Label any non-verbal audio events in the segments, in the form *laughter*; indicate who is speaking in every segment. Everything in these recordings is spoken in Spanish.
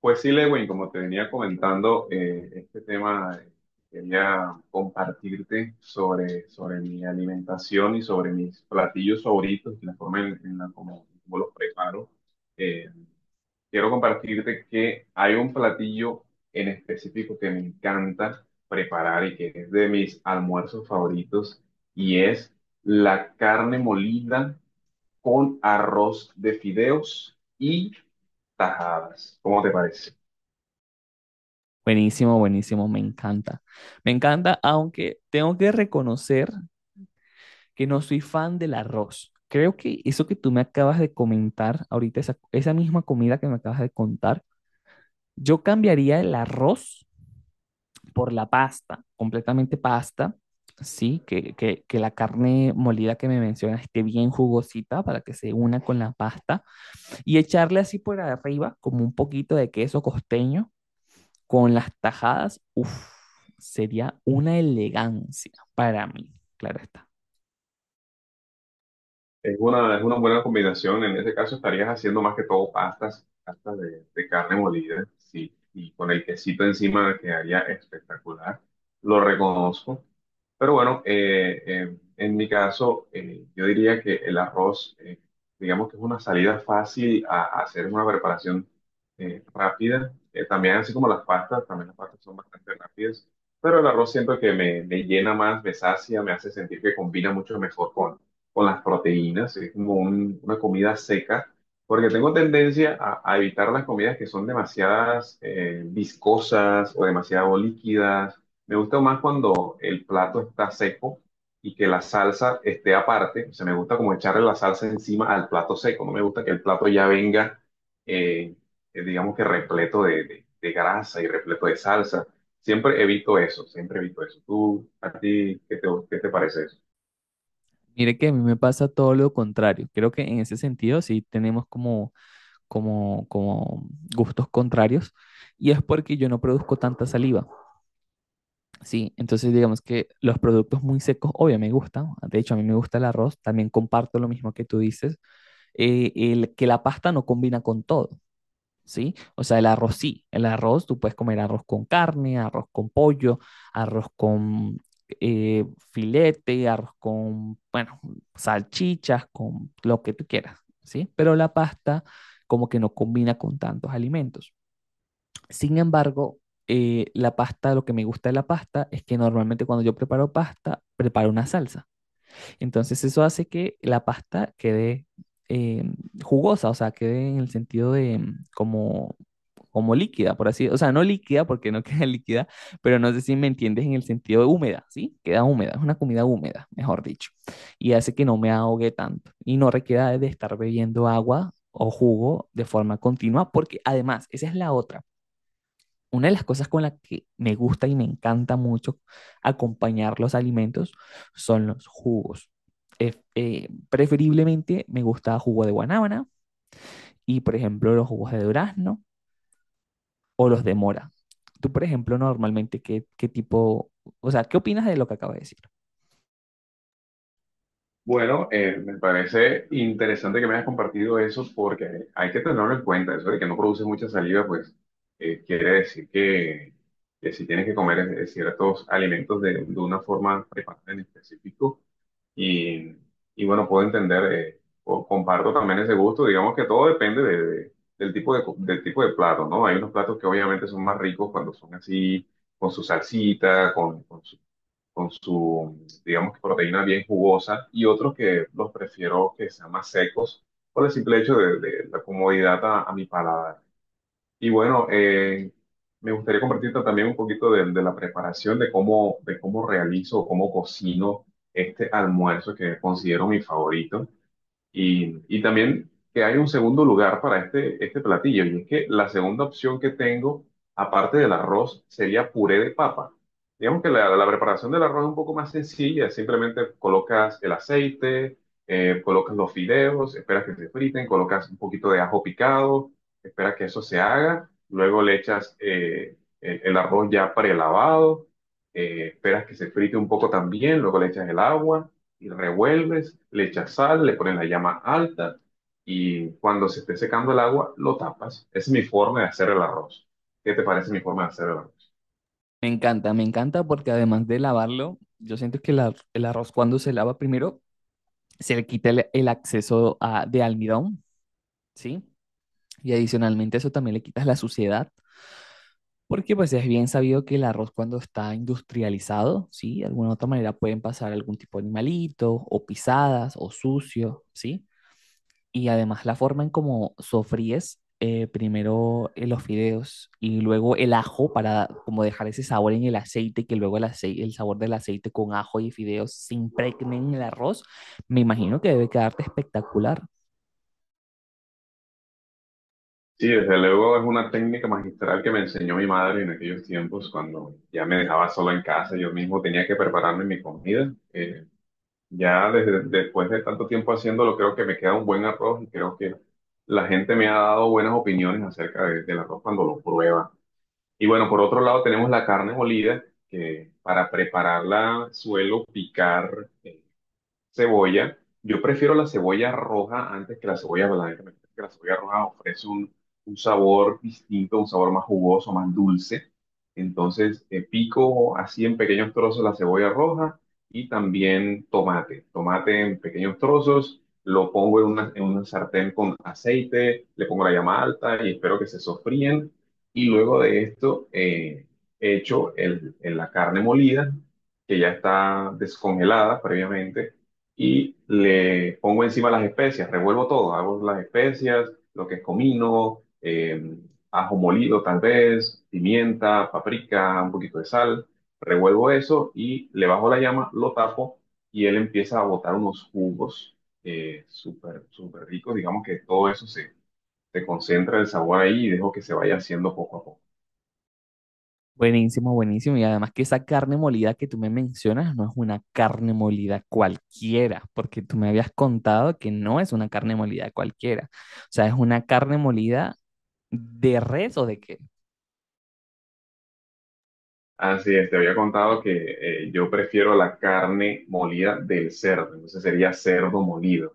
Speaker 1: Pues sí, Lewin, como te venía comentando, este tema quería compartirte sobre mi alimentación y sobre mis platillos favoritos y la forma en la como los preparo. Eh, quiero compartirte que hay un platillo en específico que me encanta preparar y que es de mis almuerzos favoritos y es la carne molida con arroz de fideos y tajadas. ¿Cómo te parece?
Speaker 2: Buenísimo, buenísimo, me encanta. Me encanta, aunque tengo que reconocer que no soy fan del arroz. Creo que eso que tú me acabas de comentar ahorita, esa misma comida que me acabas de contar, yo cambiaría el arroz por la pasta, completamente pasta, ¿sí? Que la carne molida que me mencionas esté bien jugosita para que se una con la pasta y echarle así por arriba como un poquito de queso costeño. Con las tajadas, uff, sería una elegancia para mí, claro está.
Speaker 1: Es una buena combinación. En ese caso estarías haciendo más que todo pastas, pastas de carne molida, sí, y con el quesito encima quedaría espectacular. Lo reconozco. Pero bueno, en mi caso, yo diría que el arroz, digamos que es una salida fácil a hacer una preparación rápida. También así como las pastas, también las pastas son bastante rápidas. Pero el arroz siento que me llena más, me sacia, me hace sentir que combina mucho mejor con las proteínas, es como una comida seca, porque tengo tendencia a evitar las comidas que son demasiadas viscosas o demasiado líquidas. Me gusta más cuando el plato está seco y que la salsa esté aparte. O sea, me gusta como echarle la salsa encima al plato seco. No me gusta que el plato ya venga, eh, digamos que repleto de grasa y repleto de salsa. Siempre evito eso, siempre evito eso. ¿Tú, a ti, qué te parece eso?
Speaker 2: Mire que a mí me pasa todo lo contrario. Creo que en ese sentido sí tenemos como gustos contrarios y es porque yo no produzco tanta saliva. Sí, entonces digamos que los productos muy secos, obvio, me gustan. De hecho, a mí me gusta el arroz. También comparto lo mismo que tú dices, el, que la pasta no combina con todo. ¿Sí? O sea, el arroz sí, el arroz, tú puedes comer arroz con carne, arroz con pollo, arroz con eh, filete, arroz con, bueno, salchichas, con lo que tú quieras, ¿sí? Pero la pasta como que no combina con tantos alimentos. Sin embargo, la pasta, lo que me gusta de la pasta es que normalmente cuando yo preparo pasta, preparo una salsa. Entonces eso hace que la pasta quede eh, jugosa, o sea, quede en el sentido de como, como líquida, por así, o sea, no líquida porque no *laughs* queda líquida, pero no sé si me entiendes en el sentido de húmeda, ¿sí? Queda húmeda, es una comida húmeda, mejor dicho, y hace que no me ahogue tanto y no requiera de estar bebiendo agua o jugo de forma continua, porque además, esa es la otra. Una de las cosas con las que me gusta y me encanta mucho acompañar los alimentos son los jugos. Preferiblemente me gusta jugo de guanábana y, por ejemplo, los jugos de durazno o los de mora. Tú, por ejemplo, normalmente, ¿qué, qué tipo, o sea, qué opinas de lo que acabo de decir?
Speaker 1: Bueno, me parece interesante que me hayas compartido eso porque hay que tenerlo en cuenta, eso de que no produce mucha saliva, pues quiere decir que si tienes que comer ciertos alimentos de una forma preparada en específico y, y bueno, puedo entender, o comparto también ese gusto, digamos que todo depende del tipo de, del tipo de plato, ¿no? Hay unos platos que obviamente son más ricos cuando son así, con su salsita, con su, digamos que proteína bien jugosa, y otros que los prefiero que sean más secos por el simple hecho de la comodidad a mi paladar. Y bueno, me gustaría compartirte también un poquito de la preparación, de cómo realizo, cómo cocino este almuerzo que considero mi favorito. Y también que hay un segundo lugar para este platillo, y es que la segunda opción que tengo, aparte del arroz, sería puré de papa. Digamos que la preparación del arroz es un poco más sencilla, simplemente colocas el aceite, colocas los fideos, esperas que se friten, colocas un poquito de ajo picado, esperas que eso se haga, luego le echas el arroz ya prelavado, esperas que se frite un poco también, luego le echas el agua y revuelves, le echas sal, le pones la llama alta y cuando se esté secando el agua, lo tapas. Esa es mi forma de hacer el arroz. ¿Qué te parece mi forma de hacer el arroz?
Speaker 2: Me encanta porque además de lavarlo, yo siento que el arroz cuando se lava primero se le quita el acceso de almidón, ¿sí? Y adicionalmente eso también le quitas la suciedad. Porque pues es bien sabido que el arroz cuando está industrializado, ¿sí? De alguna u otra manera pueden pasar algún tipo de animalito o pisadas o sucio, ¿sí? Y además la forma en cómo sofríes primero los fideos y luego el ajo para como dejar ese sabor en el aceite, que luego el sabor del aceite con ajo y fideos se impregne en el arroz, me imagino que debe quedarte espectacular.
Speaker 1: Sí, desde luego es una técnica magistral que me enseñó mi madre en aquellos tiempos cuando ya me dejaba solo en casa, yo mismo tenía que prepararme mi comida. Ya desde, después de tanto tiempo haciéndolo, creo que me queda un buen arroz y creo que la gente me ha dado buenas opiniones acerca del arroz cuando lo prueba. Y bueno, por otro lado tenemos la carne molida, que para prepararla suelo picar. Cebolla. Yo prefiero la cebolla roja antes que la cebolla blanca. Me parece que la cebolla roja ofrece un sabor distinto, un sabor más jugoso, más dulce. Entonces, pico así en pequeños trozos la cebolla roja y también tomate. Tomate en pequeños trozos, lo pongo en una sartén con aceite, le pongo la llama alta y espero que se sofríen. Y luego de esto, echo la carne molida, que ya está descongelada previamente y le pongo encima las especias, revuelvo todo, hago las especias, lo que es comino, ajo molido tal vez, pimienta, paprika, un poquito de sal, revuelvo eso y le bajo la llama, lo tapo y él empieza a botar unos jugos súper, súper ricos, digamos que todo eso se concentra el sabor ahí y dejo que se vaya haciendo poco a poco.
Speaker 2: Buenísimo, buenísimo. Y además que esa carne molida que tú me mencionas no es una carne molida cualquiera, porque tú me habías contado que no es una carne molida cualquiera. O sea, es una carne molida de res o de qué.
Speaker 1: Así es, te había contado que yo prefiero la carne molida del cerdo, entonces sería cerdo molido.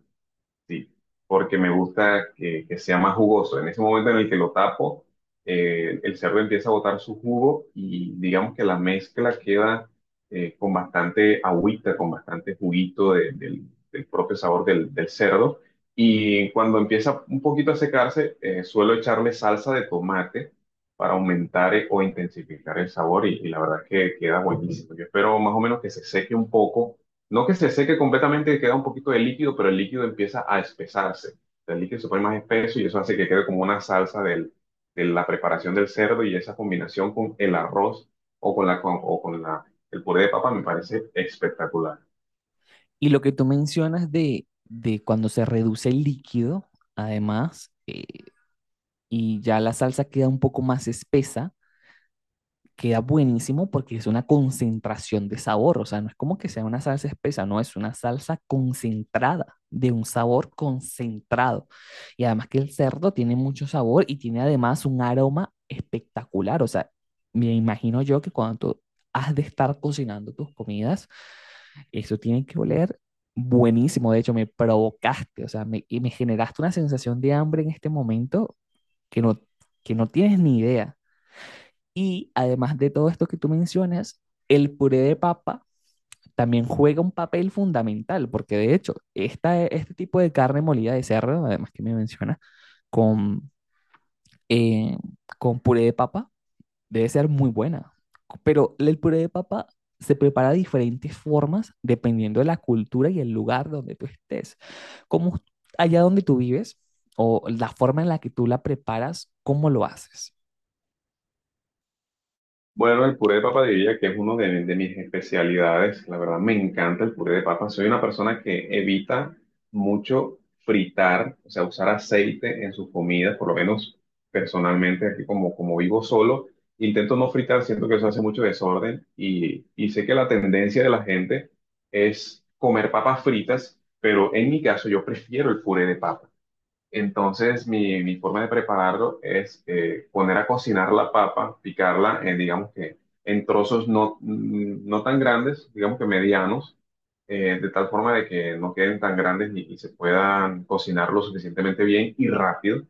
Speaker 1: Sí, porque me gusta que sea más jugoso. En ese momento en el que lo tapo, el cerdo empieza a botar su jugo y digamos que la mezcla queda con bastante agüita, con bastante juguito del, del propio sabor del, del cerdo. Y cuando empieza un poquito a secarse, suelo echarle salsa de tomate para aumentar o intensificar el sabor y la verdad que queda buenísimo. Yo espero más o menos que se seque un poco no que se seque completamente, queda un poquito de líquido, pero el líquido empieza a espesarse. O sea, el líquido se pone más espeso y eso hace que quede como una salsa de la preparación del cerdo y esa combinación con el arroz o con la, con- o con la, el puré de papa me parece espectacular.
Speaker 2: Y lo que tú mencionas de cuando se reduce el líquido, además, y ya la salsa queda un poco más espesa, queda buenísimo porque es una concentración de sabor, o sea, no es como que sea una salsa espesa, no, es una salsa concentrada, de un sabor concentrado. Y además que el cerdo tiene mucho sabor y tiene además un aroma espectacular, o sea, me imagino yo que cuando tú has de estar cocinando tus comidas, eso tiene que oler buenísimo, de hecho me provocaste, o sea, me, y me generaste una sensación de hambre en este momento que no, que no tienes ni idea. Y además de todo esto que tú mencionas, el puré de papa también juega un papel fundamental, porque de hecho, esta, este tipo de carne molida de cerdo, además que me menciona, con, eh, con puré de papa, debe ser muy buena. Pero el puré de papa se prepara de diferentes formas dependiendo de la cultura y el lugar donde tú estés. Como allá donde tú vives o la forma en la que tú la preparas, ¿cómo lo haces?
Speaker 1: Bueno, el puré de papa diría que es uno de mis especialidades. La verdad me encanta el puré de papa. Soy una persona que evita mucho fritar, o sea, usar aceite en sus comidas, por lo menos personalmente, aquí como, como vivo solo, intento no fritar, siento que eso hace mucho desorden y sé que la tendencia de la gente es comer papas fritas, pero en mi caso yo prefiero el puré de papa. Entonces, mi forma de prepararlo es poner a cocinar la papa, picarla, digamos que en trozos no, no tan grandes, digamos que medianos, de tal forma de que no queden tan grandes y se puedan cocinar lo suficientemente bien y rápido.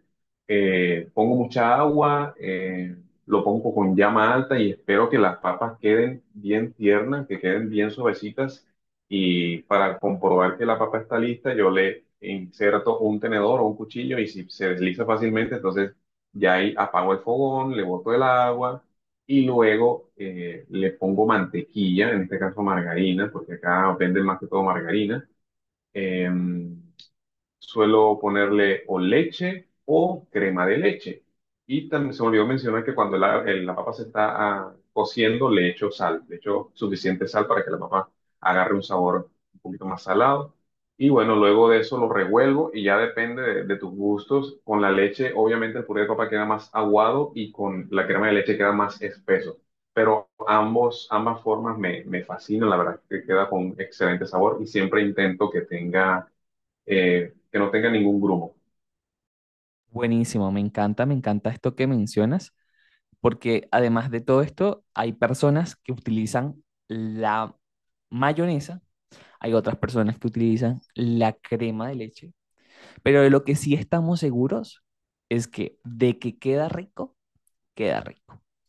Speaker 1: Pongo mucha agua, lo pongo con llama alta y espero que las papas queden bien tiernas, que queden bien suavecitas y para comprobar que la papa está lista, yo le inserto un tenedor o un cuchillo y si se desliza fácilmente, entonces ya ahí apago el fogón, le boto el agua y luego le pongo mantequilla, en este caso margarina, porque acá venden más que todo margarina. Em, Suelo ponerle o leche o crema de leche. Y también se me olvidó mencionar que cuando la papa se está cociendo, le echo sal. Le echo suficiente sal para que la papa agarre un sabor un poquito más salado. Y bueno, luego de eso lo revuelvo y ya depende de tus gustos. Con la leche, obviamente el puré de papa queda más aguado y con la crema de leche queda más espeso. Pero ambas formas me fascinan, la verdad, que queda con excelente sabor y siempre intento que tenga que no tenga ningún grumo.
Speaker 2: Buenísimo, me encanta esto que mencionas. Porque además de todo esto, hay personas que utilizan la mayonesa, hay otras personas que utilizan la crema de leche, pero de lo que sí estamos seguros es que de que queda rico, queda rico.